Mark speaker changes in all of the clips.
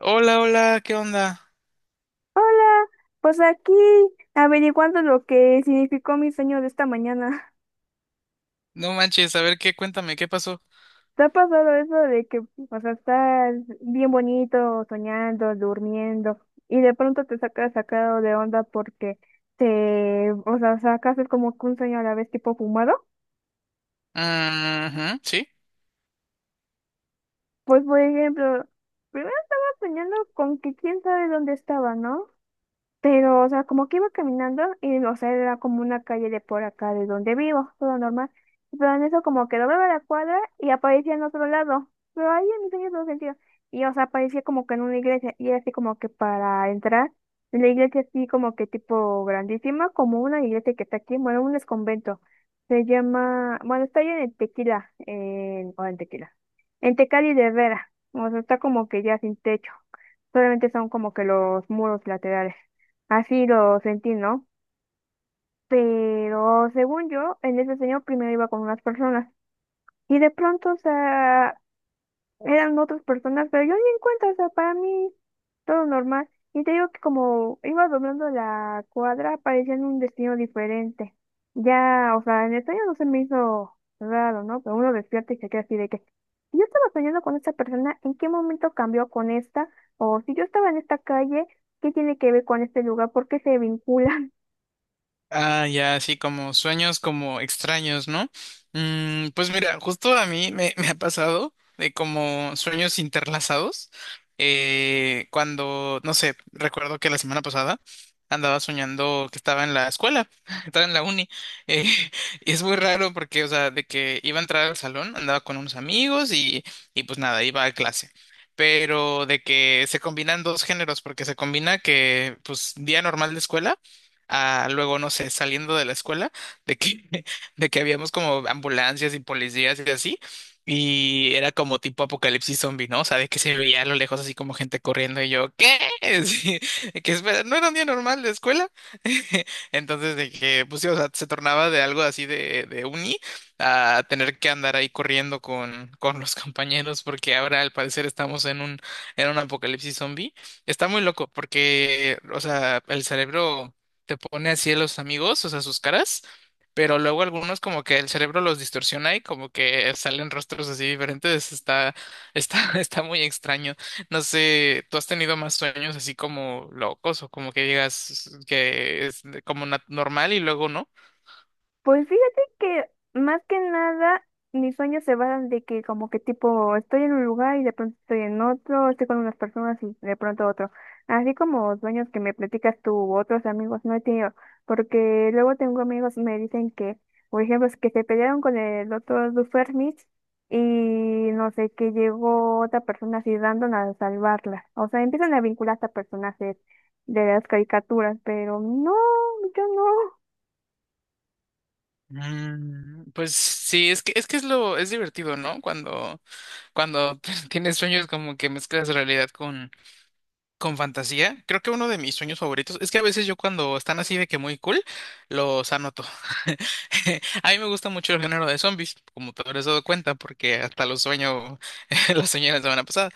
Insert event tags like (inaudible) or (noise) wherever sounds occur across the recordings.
Speaker 1: Hola, hola, ¿qué onda?
Speaker 2: Hola, pues aquí averiguando lo que significó mi sueño de esta mañana.
Speaker 1: No manches, a ver qué, cuéntame, ¿qué pasó?
Speaker 2: (laughs) ¿Te ha pasado eso de que, o sea, estás bien bonito, soñando, durmiendo, y de pronto te sacas sacado de onda porque te, o sea, sacas es como que un sueño a la vez tipo fumado?
Speaker 1: Ujú, ¿sí?
Speaker 2: Pues, por ejemplo, primero estaba soñando con que quién sabe dónde estaba, ¿no? Pero, o sea, como que iba caminando y, o sea, era como una calle de por acá de donde vivo, todo normal. Pero en eso como que doblaba la cuadra y aparecía en otro lado. Pero ahí no tenía todo sentido. Y, o sea, aparecía como que en una iglesia y era así como que para entrar en la iglesia, así como que tipo grandísima, como una iglesia que está aquí, bueno, un desconvento. Se llama, bueno, está ahí en Tequila, en Tecali de Vera. O sea, está como que ya sin techo. Solamente son como que los muros laterales. Así lo sentí, ¿no? Pero según yo, en ese sueño primero iba con unas personas y de pronto, o sea, eran otras personas, pero yo ni en cuenta, o sea, para mí todo normal. Y te digo que como iba doblando la cuadra, parecía en un destino diferente. Ya, o sea, en el sueño no se me hizo raro, ¿no? Pero uno despierta y se queda así de que, si yo estaba soñando con esta persona, ¿en qué momento cambió con esta? O si yo estaba en esta calle, ¿qué tiene que ver con este lugar? ¿Por qué se vincula?
Speaker 1: Ah, ya, sí, como sueños como extraños, ¿no? Mm, pues mira, justo a mí me ha pasado de como sueños interlazados. Cuando, no sé, recuerdo que la semana pasada andaba soñando que estaba en la escuela, (laughs) estaba en la uni. eh, (laughs) y es muy raro porque, o sea, de que iba a entrar al salón, andaba con unos amigos y pues nada, iba a clase. Pero de que se combinan dos géneros, porque se combina que, pues, día normal de escuela a luego, no sé, saliendo de la escuela, de que, (laughs) de que habíamos como ambulancias y policías y así, y era como tipo apocalipsis zombie, ¿no? O sea, de que se veía a lo lejos así como gente corriendo y yo, ¿qué? (laughs) Sí, que espera, no era un día normal de escuela. (laughs) Entonces, de que, pues sí, o sea, se tornaba de algo así de, uni a tener que andar ahí corriendo con los compañeros, porque ahora al parecer estamos en un apocalipsis zombie. Está muy loco porque, o sea, el cerebro te pone así a los amigos, o sea, sus caras, pero luego algunos como que el cerebro los distorsiona y como que salen rostros así diferentes, está, está, (laughs) está muy extraño. No sé, ¿tú has tenido más sueños así como locos o como que digas que es como normal y luego no?
Speaker 2: Pues fíjate que más que nada mis sueños se basan de que como que tipo estoy en un lugar y de pronto estoy en otro, estoy con unas personas y de pronto otro. Así como sueños que me platicas tú u otros amigos no he tenido, porque luego tengo amigos me dicen que, por ejemplo, es que se pelearon con el otro Dufermich y no sé, que llegó otra persona así random a salvarla. O sea, empiezan a vincular hasta personajes de las caricaturas, pero no, yo no.
Speaker 1: Mm, pues sí, es que es lo es divertido, ¿no? Cuando (laughs) tienes sueños como que mezclas realidad con fantasía, creo que uno de mis sueños favoritos es que a veces yo cuando están así de que muy cool, los anoto. (laughs) A mí me gusta mucho el género de zombies, como te habrás dado cuenta, porque hasta los sueño, (laughs) los soñé la semana pasada.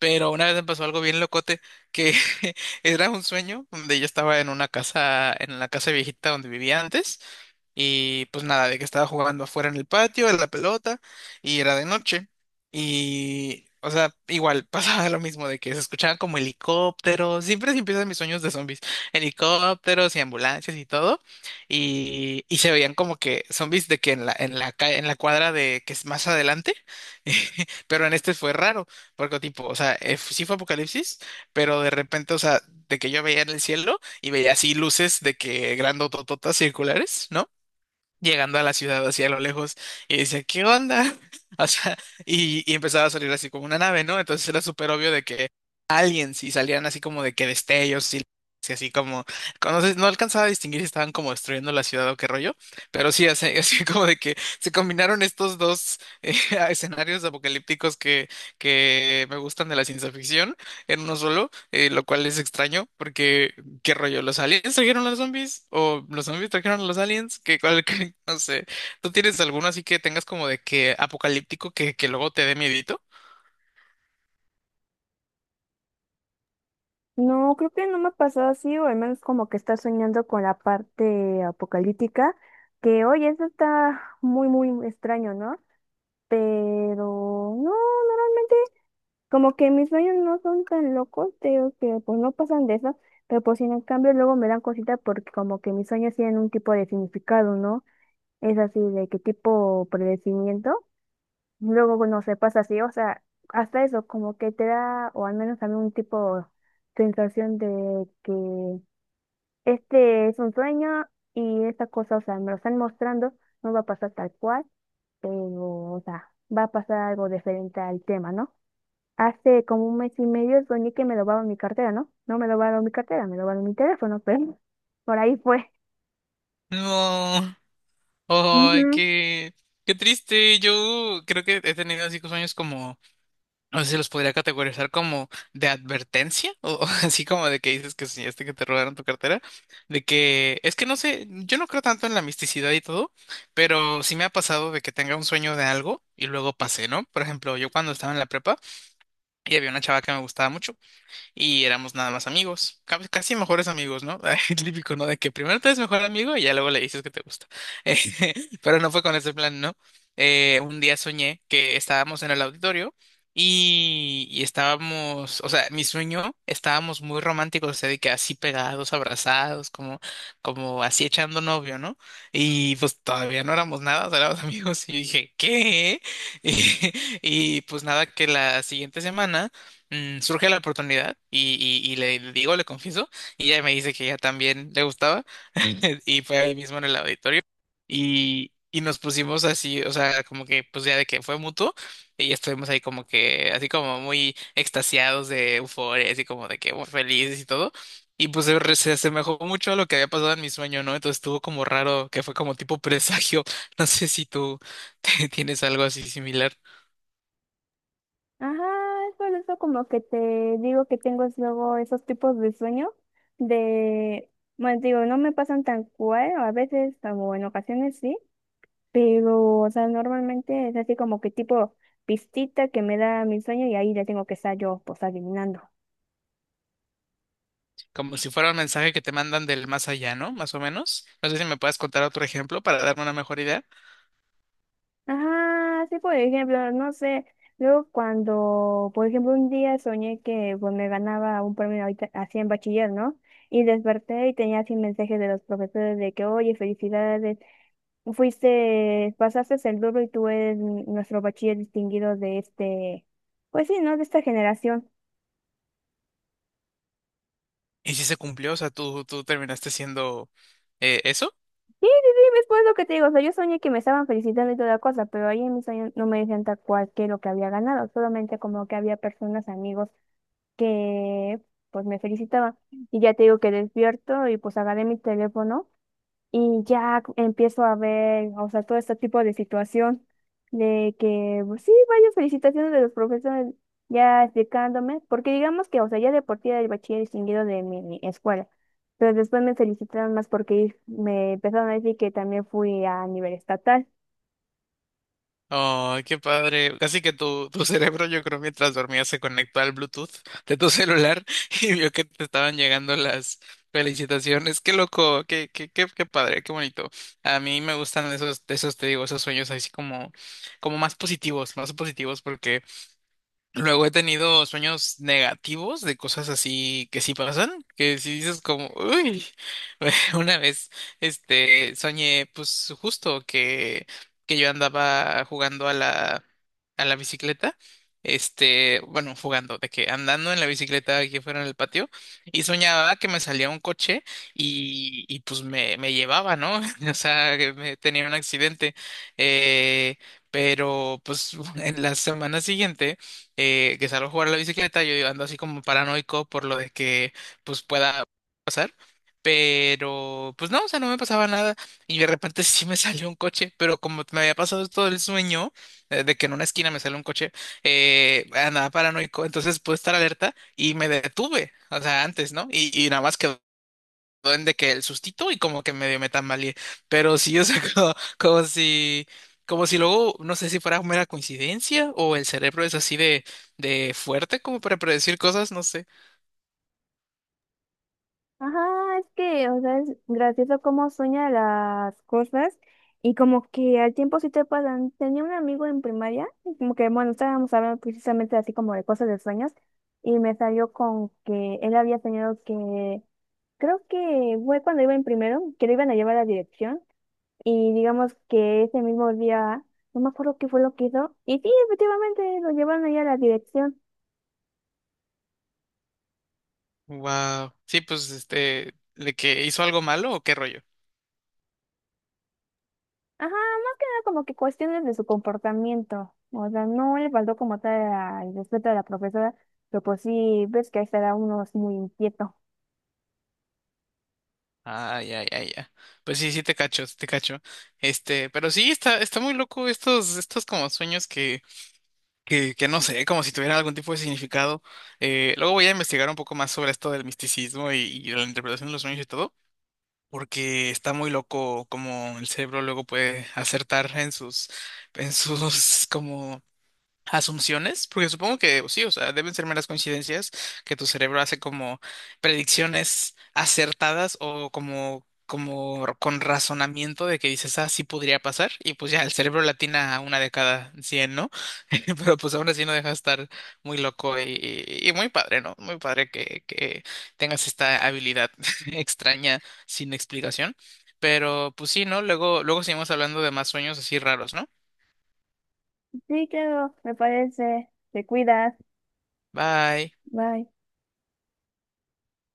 Speaker 1: Pero una vez me pasó algo bien locote, que (laughs) era un sueño donde yo estaba en una casa, en la casa viejita donde vivía antes. Y pues nada, de que estaba jugando afuera en el patio, en la pelota, y era de noche. Y, o sea, igual (laughs) pasaba lo mismo, de que se escuchaban como helicópteros, siempre se empiezan mis sueños de zombies, helicópteros y ambulancias y todo. Y se veían como que zombies de que en la cuadra de que es más adelante, (laughs) pero en este fue raro, porque tipo, o sea, sí fue apocalipsis, pero de repente, o sea, de que yo veía en el cielo y veía así luces de que grandotototas circulares, ¿no? Llegando a la ciudad hacia lo lejos y dice, ¿qué onda? (laughs) O sea, y empezaba a salir así como una nave, ¿no? Entonces era súper obvio de que aliens y salían así como de que destellos y así como, conoces, no alcanzaba a distinguir si estaban como destruyendo la ciudad o qué rollo, pero sí, así, (laughs) así como de que se combinaron estos dos (laughs) escenarios apocalípticos que me gustan de la ciencia ficción en uno solo, lo cual es extraño porque ¿qué rollo? ¿Los aliens trajeron a los zombies? ¿O los zombies trajeron a los aliens? ¿Qué, cuál, qué? (laughs) No sé. ¿Tú tienes alguno así que tengas como de que apocalíptico que luego te dé miedito?
Speaker 2: No, creo que no me ha pasado así, o al menos como que está soñando con la parte apocalíptica, que oye, eso está muy extraño, ¿no? Pero no, normalmente como que mis sueños no son tan locos, creo que pues no pasan de eso, pero pues en el cambio luego me dan cositas porque como que mis sueños tienen un tipo de significado, ¿no? Es así de qué tipo predecimiento, luego no se pasa así, o sea, hasta eso como que te da, o al menos a mí un tipo sensación de que este es un sueño y esta cosa, o sea, me lo están mostrando, no va a pasar tal cual, pero, o sea, va a pasar algo diferente al tema, ¿no? Hace como un mes y medio soñé que me robaron mi cartera, ¿no? No me robaron mi cartera, me robaron mi teléfono, pero (laughs) por ahí fue.
Speaker 1: No. Ay,
Speaker 2: Ujú.
Speaker 1: qué triste. Yo creo que he tenido así sueños como, no sé si los podría categorizar como de advertencia o, (laughs) así como de que dices que soñaste que te robaron tu cartera, de que es que no sé, yo no creo tanto en la misticidad y todo, pero sí me ha pasado de que tenga un sueño de algo y luego pasé, ¿no? Por ejemplo, yo cuando estaba en la prepa y había una chava que me gustaba mucho y éramos nada más amigos, casi mejores amigos, ¿no? (laughs) El típico, ¿no? De que primero te eres mejor amigo y ya luego le dices que te gusta. (laughs) Eh, pero no fue con ese plan, ¿no? Un día soñé que estábamos en el auditorio y estábamos, o sea, mi sueño, estábamos muy románticos, o sea, de que así pegados, abrazados, como así echando novio, ¿no? Y pues todavía no éramos nada, o sea, éramos (laughs) amigos y yo dije, ¿qué? (laughs) Y, y pues nada, que la siguiente semana surge la oportunidad y le, digo, le confieso, y ella me dice que ella también le gustaba (laughs) y fue ahí mismo en el auditorio y nos pusimos así, o sea, como que pues ya de que fue mutuo y estuvimos ahí como que así como muy extasiados de euforia, así como de que muy felices y todo. Y pues se asemejó mucho a lo que había pasado en mi sueño, ¿no? Entonces estuvo como raro, que fue como tipo presagio. (laughs) No sé si tú (laughs) tienes algo así similar.
Speaker 2: Ajá, es por eso como que te digo que tengo es luego esos tipos de sueño de, bueno, digo, no me pasan tan cual, a veces, o en ocasiones sí, pero, o sea, normalmente es así como que tipo pistita que me da mi sueño y ahí ya tengo que estar yo, pues, adivinando.
Speaker 1: Como si fuera un mensaje que te mandan del más allá, ¿no? Más o menos. No sé si me puedes contar otro ejemplo para darme una mejor idea.
Speaker 2: Ajá, sí, por ejemplo, no sé, luego cuando, por ejemplo, un día soñé que pues me ganaba un premio ahorita- así en bachiller, ¿no? Y desperté y tenía así mensajes de los profesores de que, oye, felicidades, fuiste, pasaste el doble y tú eres nuestro bachiller distinguido de este, pues sí, ¿no? De esta generación.
Speaker 1: Y si se cumplió, o sea, tú terminaste siendo, eso.
Speaker 2: Sí, sí, sí, es pues lo que te digo, o sea, yo soñé que me estaban felicitando y toda cosa, pero ahí en mi sueño no me decían tal cual que lo que había ganado, solamente como que había personas, amigos, que pues me felicitaban. Y ya te digo que despierto y pues agarré mi teléfono y ya empiezo a ver, o sea, todo este tipo de situación de que, pues sí, varias felicitaciones de los profesores ya explicándome, porque digamos que, o sea, ya de por sí era el bachiller distinguido de mi escuela, pero después me felicitaron más porque me empezaron a decir que también fui a nivel estatal.
Speaker 1: Oh, qué padre. Casi que tu cerebro, yo creo, mientras dormía se conectó al Bluetooth de tu celular (laughs) y vio que te estaban llegando las felicitaciones. Qué loco, qué padre, qué bonito. A mí me gustan esos, te digo, esos sueños así como más positivos porque luego he tenido sueños negativos de cosas así que sí pasan, que si dices como, uy, (laughs) una vez, este, soñé pues justo que, yo andaba jugando a la bicicleta, este, bueno, jugando, de que andando en la bicicleta aquí fuera en el patio, y soñaba que me salía un coche y pues me llevaba, ¿no? (laughs) O sea, que me tenía un accidente, eh, pero pues (laughs) en la semana siguiente que salgo a jugar a la bicicleta, yo ando así como paranoico por lo de que pues pueda pasar. Pero pues no, o sea, no me pasaba nada y de repente (laughs) sí me salió un coche, pero como me había pasado todo el sueño, de que en una esquina me sale un coche, andaba paranoico, entonces pude estar alerta y me detuve, o sea, antes, ¿no? Y nada más quedó de que el sustito y como que medio me tambaleé. Pero sí, o sea, (laughs) como si luego, no sé si fuera mera coincidencia o el cerebro es así de fuerte como para predecir cosas, no sé.
Speaker 2: Ajá, es que, o sea, es gracioso cómo sueña las cosas y como que al tiempo sí te pasan. Tenía un amigo en primaria, y como que, bueno, estábamos hablando precisamente así como de cosas de sueños y me salió con que él había soñado que, creo que fue cuando iba en primero, que lo iban a llevar a la dirección y digamos que ese mismo día, no me acuerdo qué fue lo que hizo y sí, efectivamente lo llevaron allá a la dirección.
Speaker 1: Wow. Sí, pues este, de que hizo algo malo o qué rollo.
Speaker 2: Ajá, más que nada como que cuestiones de su comportamiento. O sea, no le faltó como tal a- respeto de la profesora, pero pues sí, ves que ahí estará uno es muy inquieto.
Speaker 1: Ah, ya, ya, ya. Pues sí, sí te cacho, sí te cacho. Este, pero sí, está muy loco estos como sueños que, no sé, como si tuvieran algún tipo de significado. Luego voy a investigar un poco más sobre esto del misticismo y de la interpretación de los sueños y todo, porque está muy loco como el cerebro luego puede acertar en sus, (laughs) como asunciones, porque supongo que pues, sí, o sea, deben ser meras coincidencias que tu cerebro hace como predicciones acertadas o como con razonamiento de que dices, ah, sí podría pasar, y pues ya el cerebro latina a una de cada 100, ¿no? (laughs) Pero pues aún así no deja de estar muy loco y muy padre, ¿no? Muy padre que tengas esta habilidad (laughs) extraña sin explicación. Pero pues sí, ¿no? Luego, luego seguimos hablando de más sueños así raros, ¿no?
Speaker 2: Sí, claro, me parece. Te cuidas.
Speaker 1: Bye.
Speaker 2: Bye.